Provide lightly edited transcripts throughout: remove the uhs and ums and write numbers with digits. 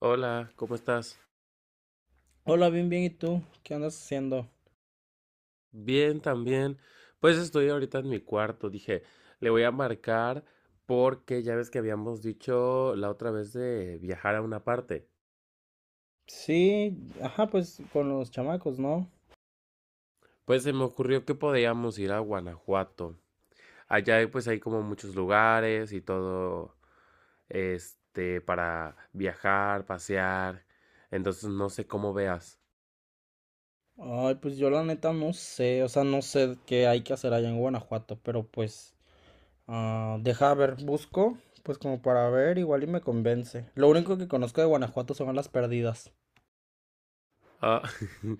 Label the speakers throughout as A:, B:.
A: Hola, ¿cómo estás?
B: Hola, bien, bien, ¿y tú? ¿Qué andas haciendo?
A: Bien, también. Pues estoy ahorita en mi cuarto. Dije, le voy a marcar porque ya ves que habíamos dicho la otra vez de viajar a una parte.
B: Sí, ajá, pues con los chamacos, ¿no?
A: Pues se me ocurrió que podíamos ir a Guanajuato. Allá pues hay como muchos lugares y todo para viajar, pasear. Entonces no sé cómo veas.
B: Ay, pues yo la neta no sé, o sea, no sé qué hay que hacer allá en Guanajuato, pero pues, ah, deja ver, busco, pues como para ver, igual y me convence. Lo único que conozco de Guanajuato son las perdidas.
A: Ah,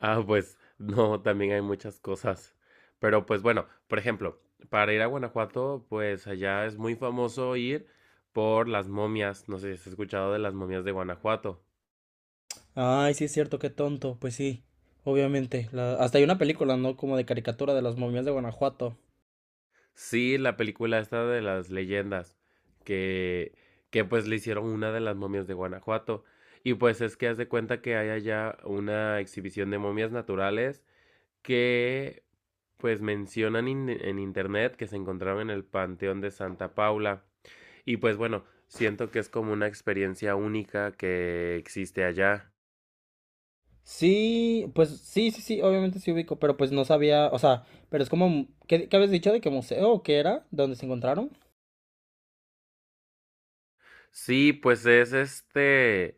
A: ah, pues no, también hay muchas cosas. Pero pues bueno, por ejemplo, para ir a Guanajuato, pues allá es muy famoso ir por las momias. No sé si has escuchado de las momias de Guanajuato.
B: Ay, sí es cierto, qué tonto, pues sí, obviamente. Hasta hay una película, ¿no? Como de caricatura de las momias de Guanajuato.
A: Sí, la película esta de las leyendas, que, que pues le hicieron una de las momias de Guanajuato. Y pues es que haz de cuenta que hay allá una exhibición de momias naturales que pues mencionan en internet que se encontraron en el Panteón de Santa Paula. Y pues bueno, siento que es como una experiencia única que existe allá.
B: Sí, pues sí, sí, sí, obviamente sí ubico, pero pues no sabía, o sea, pero es como, ¿qué habías dicho de qué museo o qué era. ¿Dónde se encontraron?
A: Sí, pues es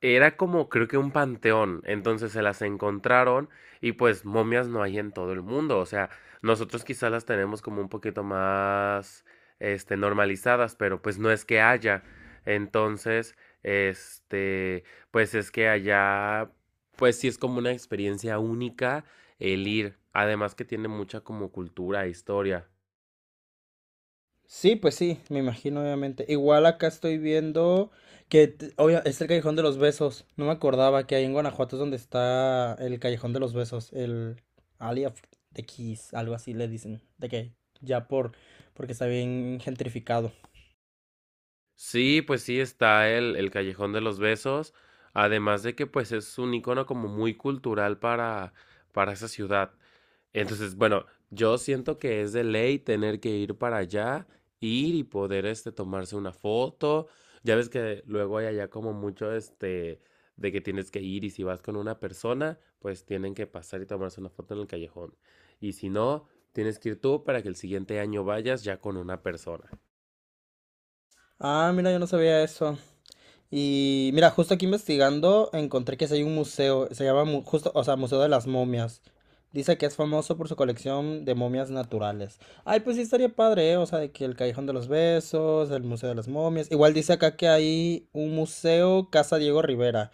A: era como creo que un panteón, entonces se las encontraron y pues momias no hay en todo el mundo, o sea, nosotros quizás las tenemos como un poquito más normalizadas, pero pues no es que haya. Entonces, este, pues es que allá pues sí es como una experiencia única el ir, además que tiene mucha como cultura, e historia.
B: Sí, pues sí, me imagino, obviamente. Igual acá estoy viendo que, es el Callejón de los Besos. No me acordaba que ahí en Guanajuato es donde está el Callejón de los Besos, el Alley of the Keys, algo así le dicen, de que ya por, porque está bien gentrificado.
A: Sí, pues sí está el Callejón de los Besos, además de que pues es un icono como muy cultural para esa ciudad. Entonces, bueno, yo siento que es de ley tener que ir para allá, ir y poder tomarse una foto. Ya ves que luego hay allá como mucho de que tienes que ir y si vas con una persona, pues tienen que pasar y tomarse una foto en el callejón. Y si no, tienes que ir tú para que el siguiente año vayas ya con una persona.
B: Ah, mira, yo no sabía eso. Y mira, justo aquí investigando encontré que sí hay un museo, se llama justo, o sea, Museo de las Momias. Dice que es famoso por su colección de momias naturales. Ay, pues sí estaría padre, ¿eh? O sea, de que el Callejón de los Besos, el Museo de las Momias. Igual dice acá que hay un museo Casa Diego Rivera,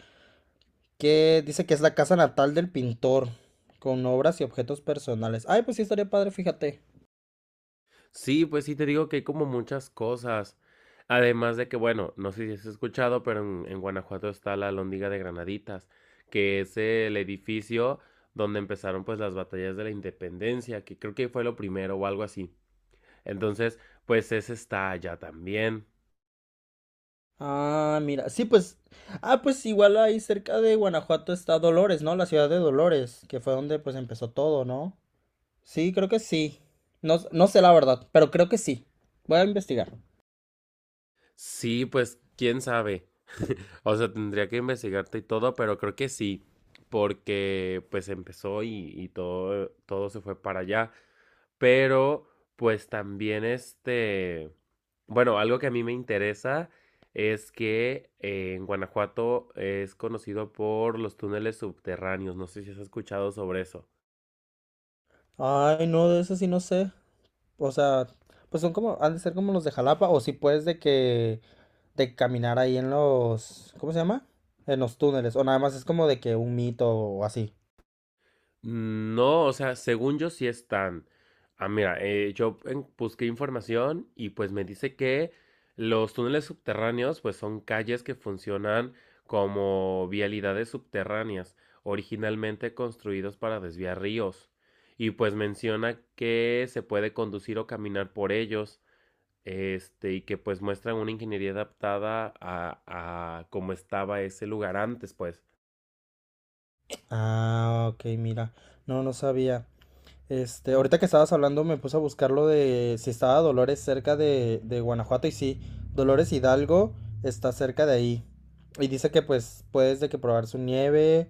B: que dice que es la casa natal del pintor, con obras y objetos personales. Ay, pues sí estaría padre, fíjate.
A: Sí, pues sí, te digo que hay como muchas cosas. Además de que, bueno, no sé si has escuchado, pero en Guanajuato está la Alhóndiga de Granaditas, que es el edificio donde empezaron pues las batallas de la independencia, que creo que fue lo primero o algo así. Entonces, pues ese está allá también.
B: Ah, mira, sí, pues, ah, pues igual ahí cerca de Guanajuato está Dolores, ¿no? La ciudad de Dolores, que fue donde pues empezó todo, ¿no? Sí, creo que sí. No, no sé la verdad, pero creo que sí. Voy a investigar.
A: Sí, pues quién sabe. O sea, tendría que investigarte y todo, pero creo que sí, porque pues empezó y todo, todo se fue para allá. Pero pues también bueno, algo que a mí me interesa es que en Guanajuato es conocido por los túneles subterráneos. No sé si has escuchado sobre eso.
B: Ay, no, de eso sí no sé. O sea, pues son como, han de ser como los de Jalapa, o si puedes de que, de caminar ahí en los, ¿cómo se llama? En los túneles, o nada más es como de que un mito o así.
A: No, o sea, según yo sí están. Ah, mira, yo busqué información y pues me dice que los túneles subterráneos pues son calles que funcionan como vialidades subterráneas, originalmente construidos para desviar ríos. Y pues menciona que se puede conducir o caminar por ellos, y que pues muestran una ingeniería adaptada a cómo estaba ese lugar antes, pues.
B: Ah, ok, mira. No, no sabía. Este, ahorita que estabas hablando me puse a buscar lo de si estaba Dolores cerca de, Guanajuato y sí, Dolores Hidalgo está cerca de ahí. Y dice que pues puedes de que probar su nieve,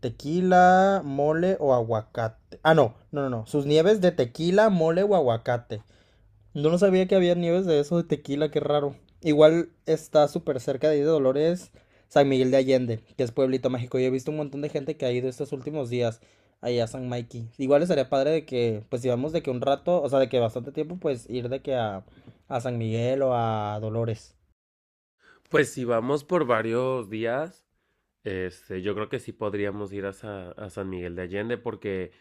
B: tequila, mole o aguacate. Ah, no, no, no, no, sus nieves de tequila, mole o aguacate. Yo no sabía que había nieves de eso de tequila, qué raro. Igual está súper cerca de ahí de Dolores, San Miguel de Allende, que es Pueblito Mágico. Yo he visto un montón de gente que ha ido estos últimos días allá a San Mikey. Igual estaría padre de que, pues si vamos de que un rato, o sea, de que bastante tiempo, pues ir de que a San Miguel o a Dolores.
A: Pues si vamos por varios días. Yo creo que sí podríamos ir a, a San Miguel de Allende porque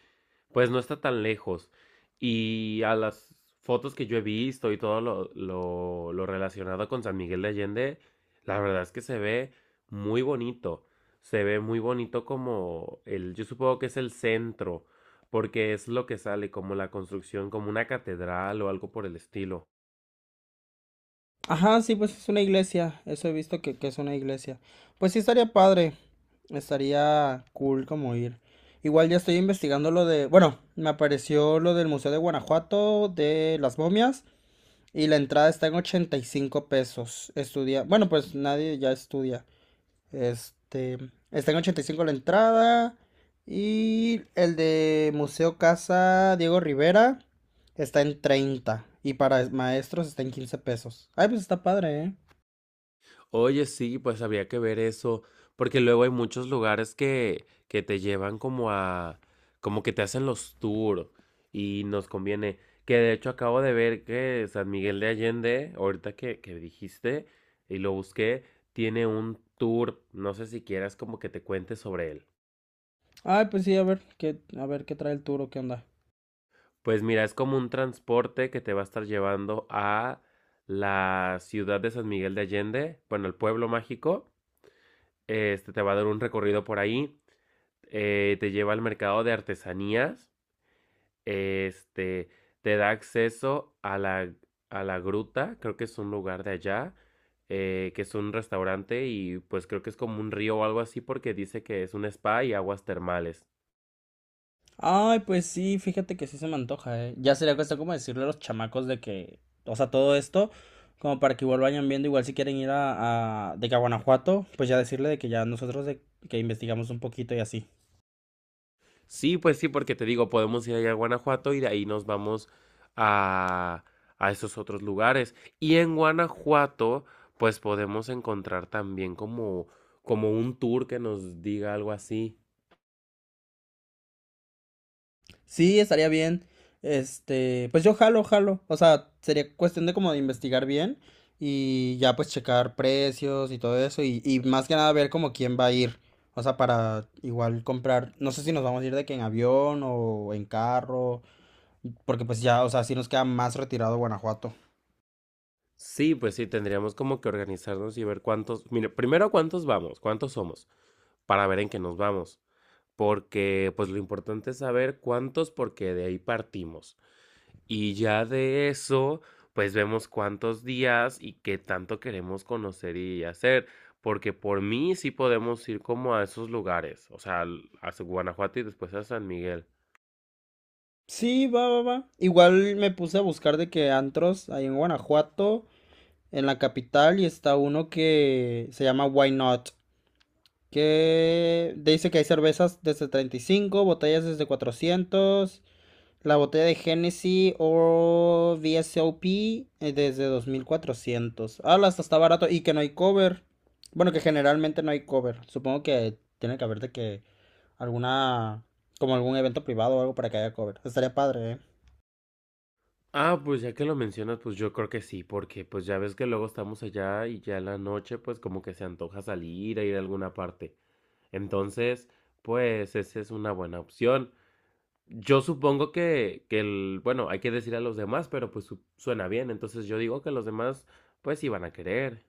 A: pues no está tan lejos. Y a las fotos que yo he visto y todo lo relacionado con San Miguel de Allende, la verdad es que se ve muy bonito. Se ve muy bonito como el, yo supongo que es el centro, porque es lo que sale, como la construcción, como una catedral o algo por el estilo.
B: Ajá, sí, pues es una iglesia. Eso he visto que es una iglesia. Pues sí, estaría padre. Estaría cool como ir. Igual ya estoy investigando lo de... Bueno, me apareció lo del Museo de Guanajuato, de las momias, y la entrada está en 85 pesos. Estudia... Bueno, pues nadie ya estudia. Este, está en 85 la entrada. Y el de Museo Casa Diego Rivera está en 30. Y para maestros está en 15 pesos. Ay, pues está padre, ¿eh?
A: Oye, sí, pues habría que ver eso, porque luego hay muchos lugares que te llevan como a, como que te hacen los tours y nos conviene. Que de hecho acabo de ver que San Miguel de Allende, ahorita que dijiste y lo busqué, tiene un tour. No sé si quieras como que te cuente sobre él.
B: Ay, pues sí, a ver qué trae el turo, qué onda.
A: Pues mira, es como un transporte que te va a estar llevando a la ciudad de San Miguel de Allende, bueno, el pueblo mágico. Este te va a dar un recorrido por ahí. Te lleva al mercado de artesanías, este, te da acceso a a la gruta, creo que es un lugar de allá, que es un restaurante y pues creo que es como un río o algo así porque dice que es un spa y aguas termales.
B: Ay, pues sí, fíjate que sí se me antoja, ¿eh? Ya sería cuestión como decirle a los chamacos de que, o sea, todo esto, como para que igual vayan viendo, igual si quieren ir de que a Guanajuato, pues ya decirle de que ya nosotros de que investigamos un poquito y así.
A: Sí, pues sí, porque te digo, podemos ir allá a Guanajuato y de ahí nos vamos a, a esos otros lugares. Y en Guanajuato, pues podemos encontrar también como, como un tour que nos diga algo así.
B: Sí, estaría bien. Este, pues yo jalo, jalo. O sea, sería cuestión de como de investigar bien y ya pues checar precios y todo eso y más que nada ver como quién va a ir. O sea, para igual comprar, no sé si nos vamos a ir de que en avión o en carro, porque pues ya, o sea, sí nos queda más retirado Guanajuato.
A: Sí, pues sí, tendríamos como que organizarnos y ver cuántos, mire, primero cuántos vamos, cuántos somos, para ver en qué nos vamos, porque pues lo importante es saber cuántos porque de ahí partimos. Y ya de eso, pues vemos cuántos días y qué tanto queremos conocer y hacer, porque por mí sí podemos ir como a esos lugares, o sea, a Guanajuato y después a San Miguel.
B: Sí, va, va, va. Igual me puse a buscar de que antros ahí en Guanajuato, en la capital, y está uno que se llama Why Not. Que dice que hay cervezas desde 35, botellas desde 400 la botella de Genesis o VSOP, desde 2400. Ah, hasta está barato y que no hay cover. Bueno, que generalmente no hay cover. Supongo que tiene que haber de que alguna, como algún evento privado o algo para que haya cover. Estaría padre, ¿eh?
A: Ah, pues ya que lo mencionas, pues yo creo que sí, porque pues ya ves que luego estamos allá y ya en la noche pues como que se antoja salir a ir a alguna parte. Entonces, pues esa es una buena opción. Yo supongo que el, bueno, hay que decir a los demás, pero pues suena bien. Entonces yo digo que los demás pues sí van a querer.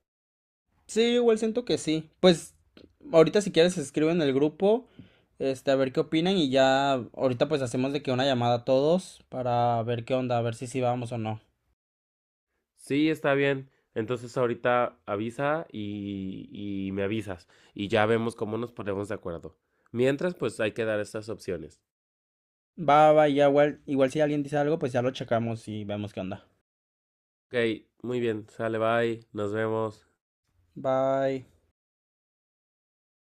B: Sí, yo igual siento que sí. Pues ahorita si quieres escribe en el grupo, este, a ver qué opinan y ya ahorita pues hacemos de que una llamada a todos para ver qué onda, a ver si sí vamos o no.
A: Sí, está bien. Entonces ahorita avisa y me avisas y ya vemos cómo nos ponemos de acuerdo. Mientras, pues hay que dar estas opciones.
B: Va, va, ya igual, igual si alguien dice algo, pues ya lo checamos y vemos qué onda.
A: Ok, muy bien, sale, bye, nos vemos.
B: Bye.